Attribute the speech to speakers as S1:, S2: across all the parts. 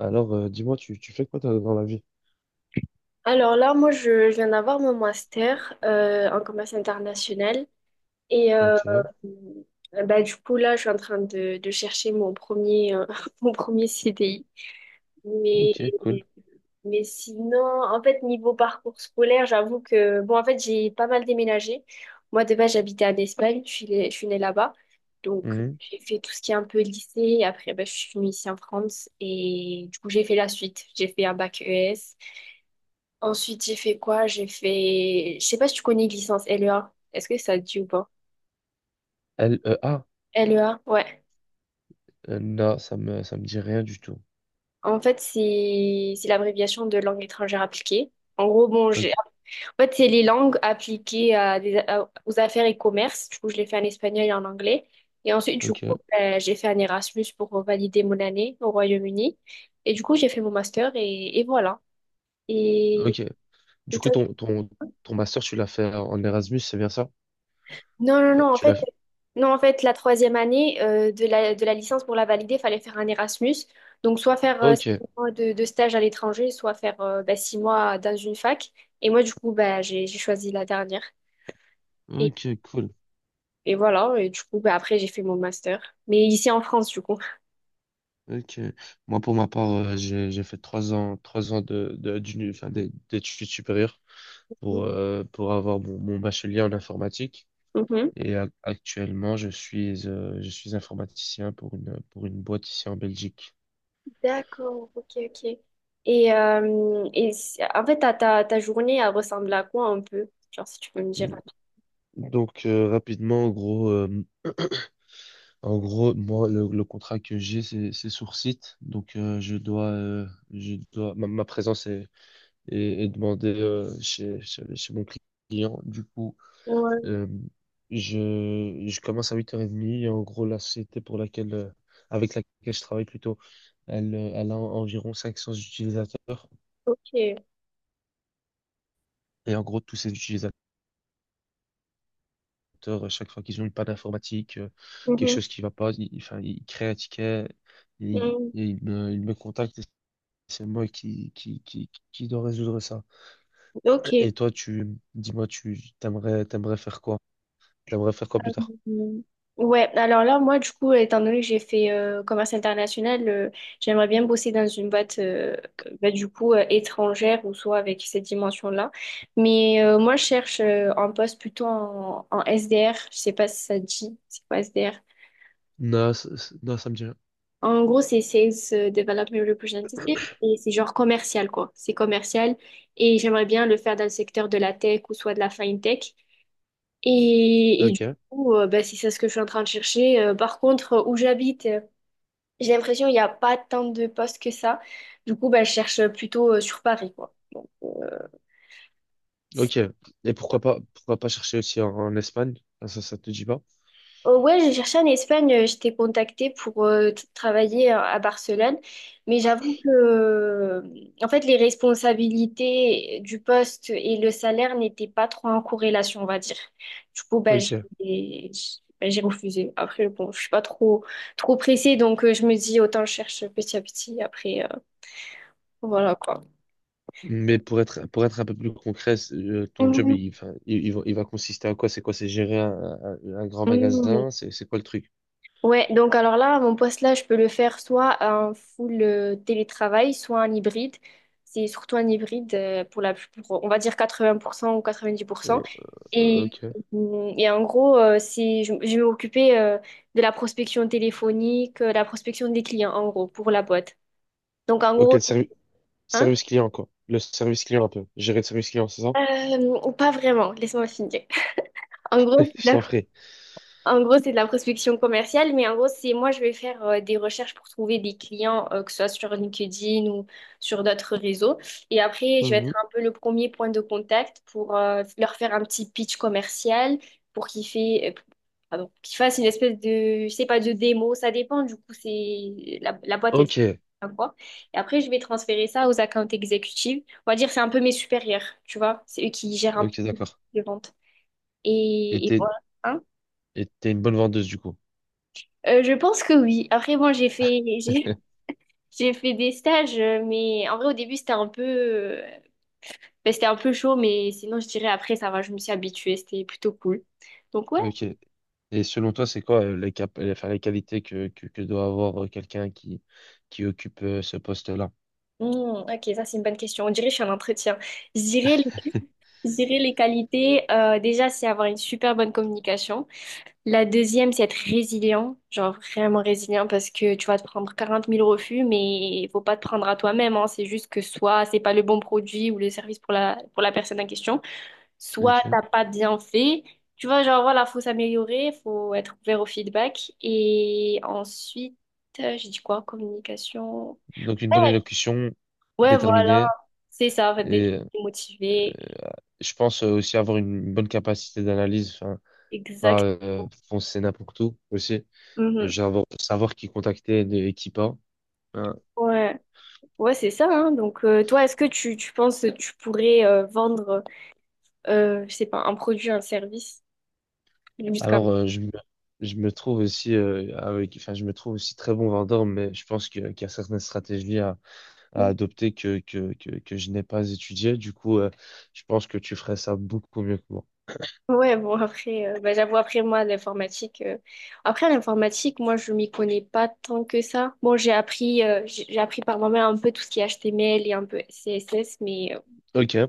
S1: Alors, dis-moi, tu fais quoi toi, dans la vie?
S2: Alors là, moi, je viens d'avoir mon master en commerce international. Et
S1: Ok,
S2: bah, du coup, là, je suis en train de, chercher mon premier CDI. Mais,
S1: ok, cool.
S2: mais sinon, en fait, niveau parcours scolaire, j'avoue que, bon, en fait, j'ai pas mal déménagé. Moi, de base, j'habitais en Espagne, je suis née là-bas. Donc,
S1: Mhm.
S2: j'ai fait tout ce qui est un peu lycée. Et après, bah, je suis venue ici en France. Et du coup, j'ai fait la suite. J'ai fait un bac ES. Ensuite, j'ai fait quoi? Je sais pas si tu connais licence LEA. Est-ce que ça te dit ou pas?
S1: L, E, A?
S2: LEA, ouais.
S1: Non, ça me dit rien du tout.
S2: En fait, c'est l'abréviation de langue étrangère appliquée. En gros, bon,
S1: Ok,
S2: En fait, c'est les langues appliquées aux affaires et commerces. Du coup, je l'ai fait en espagnol et en anglais. Et ensuite, du coup,
S1: ok,
S2: ben, j'ai fait un Erasmus pour valider mon année au Royaume-Uni. Et du coup, j'ai fait mon master et voilà. Et,
S1: ok. Du
S2: et
S1: coup,
S2: toi?
S1: ton master, tu l'as fait en Erasmus, c'est bien ça?
S2: Non, non,
S1: Enfin,
S2: non, en
S1: tu l'as
S2: fait,
S1: fait.
S2: non, en fait, la troisième année de la, licence pour la valider, il fallait faire un Erasmus. Donc, soit faire six
S1: Ok,
S2: mois de, stage à l'étranger, soit faire bah, six mois dans une fac. Et moi, du coup, bah, j'ai choisi la dernière. Et,
S1: ok, cool.
S2: et voilà, et du coup, bah, après, j'ai fait mon master. Mais ici en France, du coup.
S1: Ok. Moi, pour ma part, j'ai fait 3 ans, 3 ans d'enfin, d'd'études supérieures pour avoir mon bachelier en informatique.
S2: Mhm.
S1: Et actuellement, je suis informaticien pour une boîte ici en Belgique.
S2: D'accord, ok, ok. En fait, ta journée, elle ressemble à quoi un peu? Genre, si tu peux me dire.
S1: Donc rapidement, en gros, moi le contrat que j'ai c'est sur site, donc je dois, ma présence est demandée chez mon client. Du coup,
S2: Ouais,
S1: euh, je commence à huit heures 30 et en gros la société pour laquelle avec laquelle je travaille plutôt, elle elle a environ 500 utilisateurs
S2: ok.
S1: et en gros tous ces utilisateurs ordinateurs, chaque fois qu'ils ont une panne informatique, quelque
S2: Mhm.
S1: chose qui va pas, ils, enfin, ils créent un ticket,
S2: Mhm.
S1: ils me contactent et c'est moi qui dois résoudre ça.
S2: Ok.
S1: Et toi, tu, dis-moi, t'aimerais faire quoi? T'aimerais faire quoi plus tard?
S2: Mm. Ouais, alors là, moi, du coup, étant donné que j'ai fait commerce international, j'aimerais bien bosser dans une boîte, bah, du coup, étrangère ou soit avec cette dimension-là. Mais moi, je cherche un poste plutôt en, SDR. Je sais pas si ça te dit, c'est quoi SDR?
S1: Non, non, ça me dit rien.
S2: En gros, c'est Sales Development Representative et c'est genre commercial, quoi. C'est commercial et j'aimerais bien le faire dans le secteur de la tech ou soit de la fintech. Et
S1: Ok,
S2: du coup, bah, si c'est ça ce que je suis en train de chercher, par contre, où j'habite, j'ai l'impression qu'il n'y a pas tant de postes que ça. Du coup, bah, je cherche plutôt sur Paris, quoi. Donc. Euh,
S1: ok. Et pourquoi pas chercher aussi en, en Espagne? Ah, ça te dit pas?
S2: Ouais, j'ai cherché en Espagne, j'étais contactée pour travailler à Barcelone, mais j'avoue que en fait les responsabilités du poste et le salaire n'étaient pas trop en corrélation, on va dire. Du coup, bah,
S1: Ok.
S2: j'ai refusé. Après, bon, je suis pas trop trop pressée, donc je me dis autant je cherche petit à petit après voilà quoi.
S1: Mais pour être un peu plus concret, c'est, ton job, il, enfin, il va consister à quoi? C'est quoi? C'est gérer un, un grand
S2: Mhm.
S1: magasin? C'est quoi le truc?
S2: Ouais, donc alors là, mon poste là, je peux le faire soit en full télétravail, soit en hybride. C'est surtout un hybride pour pour, on va dire 80% ou 90%.
S1: Euh,
S2: Et,
S1: ok.
S2: et en gros, je vais m'occuper de la prospection téléphonique, la prospection des clients, en gros, pour la boîte. Donc en
S1: Ok,
S2: gros, hein,
S1: service client, quoi. Le service client, un peu. Gérer le service client, c'est ça?
S2: pas vraiment, laisse-moi finir. En gros, c'est
S1: Je
S2: de la
S1: t'en ferai.
S2: En gros, c'est de la prospection commerciale, mais en gros, c'est moi, je vais faire des recherches pour trouver des clients, que ce soit sur LinkedIn ou sur d'autres réseaux. Et après, je vais
S1: Mhm.
S2: être un peu le premier point de contact pour leur faire un petit pitch commercial pour qu'ils fait, pardon, qu'ils fassent une espèce de, je sais pas, de démo. Ça dépend, du coup, c'est la boîte, elle
S1: Ok,
S2: à quoi. Et après, je vais transférer ça aux accounts exécutives. On va dire, c'est un peu mes supérieurs, tu vois. C'est eux qui gèrent un
S1: ok,
S2: peu
S1: d'accord.
S2: les ventes.
S1: Et
S2: Et
S1: t'es,
S2: voilà. Hein?
S1: et t'es une bonne vendeuse, du coup.
S2: Je pense que oui. Après, bon, j'ai, j'ai fait des stages, mais en vrai, au début, c'était un peu chaud, mais sinon, je dirais après, ça va, je me suis habituée, c'était plutôt cool. Donc, ouais.
S1: Ok. Et selon toi, c'est quoi enfin, les qualités que doit avoir quelqu'un qui occupe ce poste-là?
S2: Hmm, ok, ça, c'est une bonne question. On dirait que je suis en entretien. Je dirais les qualités, déjà, c'est avoir une super bonne communication. La deuxième, c'est être résilient, genre vraiment résilient, parce que tu vas te prendre 40 000 refus, mais il faut pas te prendre à toi-même, hein. C'est juste que soit c'est pas le bon produit ou le service pour la personne en question. Soit
S1: Ok.
S2: t'as pas bien fait. Tu vois, genre voilà, faut s'améliorer, faut être ouvert au feedback. Et ensuite, j'ai dit quoi? Communication.
S1: Donc, une bonne
S2: Ouais,
S1: élocution,
S2: ouais, voilà,
S1: déterminée,
S2: c'est ça, en fait, d'être
S1: et
S2: motivé.
S1: euh, je pense aussi avoir une bonne capacité d'analyse, enfin, pas
S2: Exact.
S1: foncer n'importe où aussi.
S2: Mhm.
S1: J'adore savoir qui contacter de Equipa. Hein.
S2: Ouais, ouais, c'est ça, hein. Donc, toi, est-ce que tu penses que tu pourrais vendre, je sais pas, un produit, un service, juste comme...
S1: Alors, je me trouve aussi, avec, enfin, je me trouve aussi très bon vendeur, mais je pense que, qu'il y a certaines stratégies
S2: ça?
S1: à adopter que je n'ai pas étudiées. Du coup, je pense que tu ferais ça beaucoup mieux que moi.
S2: Ouais, bon, après, bah, j'avoue, après, moi, l'informatique, après, l'informatique, moi, je m'y connais pas tant que ça. Bon, j'ai appris par moi-même un peu tout ce qui est HTML et un peu CSS, mais,
S1: Ok,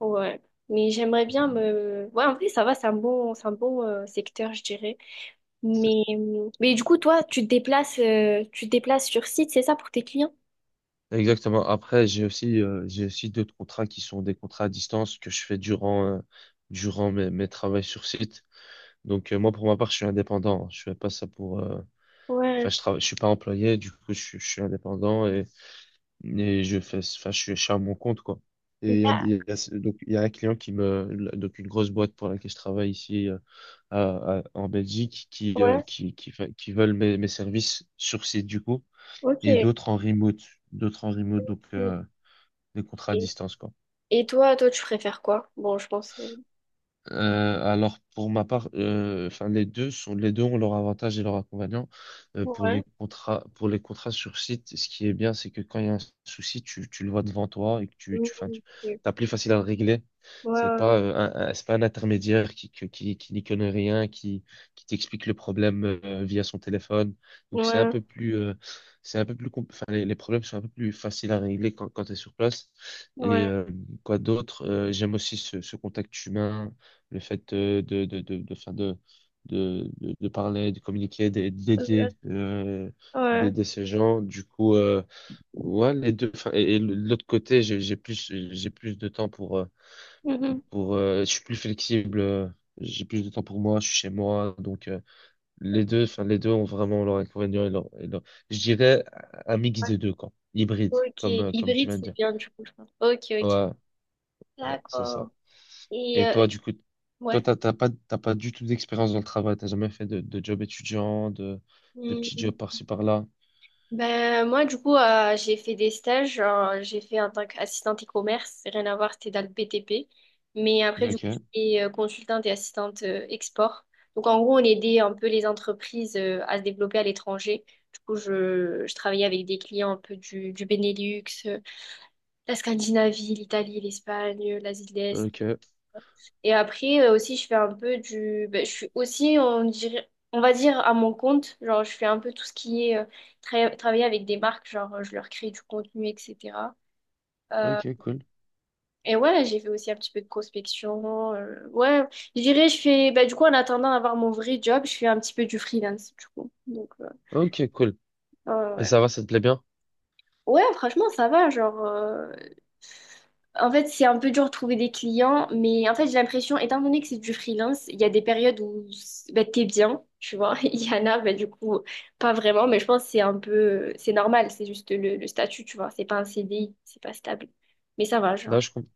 S2: ouais. Mais j'aimerais bien me, ouais, en vrai, ça va, c'est un bon, secteur, je dirais.
S1: C'est-
S2: Mais du coup, toi, tu te déplaces sur site, c'est ça, pour tes clients?
S1: exactement. Après, j'ai aussi d'autres contrats qui sont des contrats à distance que je fais durant, durant mes travaux sur site. Donc, moi, pour ma part, je suis indépendant. Je fais pas ça pour, enfin,
S2: Ouais.
S1: je travaille, je suis pas employé, du coup, je suis indépendant et je fais, enfin, je suis à mon compte, quoi. Et
S2: Da-
S1: donc, il y a un client qui me, donc, une grosse boîte pour laquelle je travaille ici, en Belgique, qui,
S2: Ouais,
S1: qui veulent mes, mes services sur site, du coup, et
S2: ok.
S1: d'autres en remote, donc,
S2: Mm.
S1: des contrats à
S2: Et,
S1: distance, quoi.
S2: et toi, tu préfères quoi? Bon, je pense.
S1: Alors pour ma part, enfin les deux ont leurs avantages et leurs inconvénients.
S2: Ouais.
S1: Pour les contrats sur site, ce qui est bien, c'est que quand il y a un souci, tu le vois devant toi et que
S2: Mm,
S1: enfin, tu
S2: ok.
S1: t'as plus facile à le régler.
S2: Ouais,
S1: C'est
S2: ouais,
S1: pas un, c'est pas un intermédiaire qui n'y connaît rien, qui t'explique le problème via son téléphone. Donc c'est un
S2: ouais,
S1: peu plus enfin les problèmes sont un peu plus faciles à régler quand tu es sur place. Et
S2: ouais,
S1: quoi d'autre? J'aime aussi ce, ce contact humain, le fait enfin, de parler, de communiquer, d'aider, d'aider euh,
S2: ouais.
S1: d'aider ces gens. Du coup, ouais, les deux. Enfin, et de l'autre côté, j'ai plus de temps pour,
S2: Mhm.
S1: je suis plus flexible. J'ai plus de temps pour moi, je suis chez moi, donc les deux, enfin les deux ont vraiment leur inconvénient je dirais un mix des deux, quoi, hybride,
S2: Ok,
S1: comme comme tu
S2: hybride,
S1: viens de
S2: c'est
S1: dire.
S2: bien du coup, je pense. Ok, ok.
S1: Ouais, ouais, c'est ça.
S2: D'accord. Et
S1: Et toi, du coup, toi,
S2: ouais.
S1: t'as pas du tout d'expérience dans le travail, t'as jamais fait de job étudiant, de petits
S2: Hmm.
S1: jobs par-ci par-là.
S2: Ben, moi, du coup, j'ai fait des stages. J'ai fait en tant qu'assistante e-commerce. Rien à voir, c'était dans le BTP. Mais après, du coup,
S1: Ok,
S2: j'étais consultante et assistante export. Donc, en gros, on aidait un peu les entreprises à se développer à l'étranger. Du coup, je travaillais avec des clients un peu du Benelux, la Scandinavie, l'Italie, l'Espagne, l'Asie de l'Est.
S1: ok,
S2: Et après aussi, je fais un peu du... ben, je suis aussi, on dirait, on va dire, à mon compte. Genre, je fais un peu tout ce qui est travailler avec des marques, genre, je leur crée du contenu, etc. Euh,
S1: ok, cool.
S2: et ouais, j'ai fait aussi un petit peu de prospection. Ouais, je dirais, ben, du coup, en attendant d'avoir mon vrai job, je fais un petit peu du freelance, du coup. Donc,
S1: Ok, cool.
S2: ouais, ouais,
S1: Et
S2: ouais.
S1: ça va, ça te plaît bien?
S2: Ouais, franchement, ça va. Genre, en fait, c'est un peu dur de trouver des clients, mais en fait, j'ai l'impression, étant donné que c'est du freelance, il y a des périodes où bah, t'es bien, tu vois. Il y en a, bah, du coup, pas vraiment, mais je pense que c'est un peu, c'est normal, c'est juste le statut, tu vois. C'est pas un CDI, c'est pas stable. Mais ça va, genre.
S1: Là, je comprends.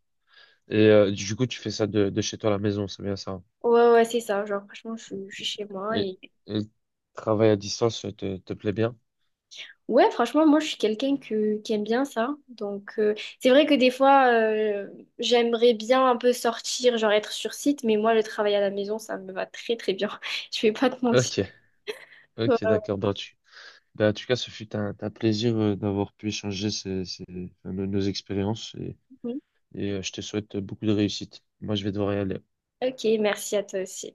S1: Et du coup, tu fais ça de chez toi à la maison, c'est bien ça, hein?
S2: Ouais, ouais, c'est ça. Genre, franchement, je suis chez moi.
S1: Et, et le travail à distance te plaît bien?
S2: Ouais, franchement, moi, je suis quelqu'un qui aime bien ça. Donc, c'est vrai que des fois, j'aimerais bien un peu sortir, genre être sur site, mais moi, le travail à la maison, ça me va très, très bien. Je vais pas te mentir.
S1: Ok, ok, d'accord. Ben, ben, en tout cas, ce fut un plaisir d'avoir pu échanger enfin, nos, nos expériences. Et
S2: Mhm.
S1: je te souhaite beaucoup de réussite. Moi, je vais devoir y aller.
S2: Ok, merci à toi aussi.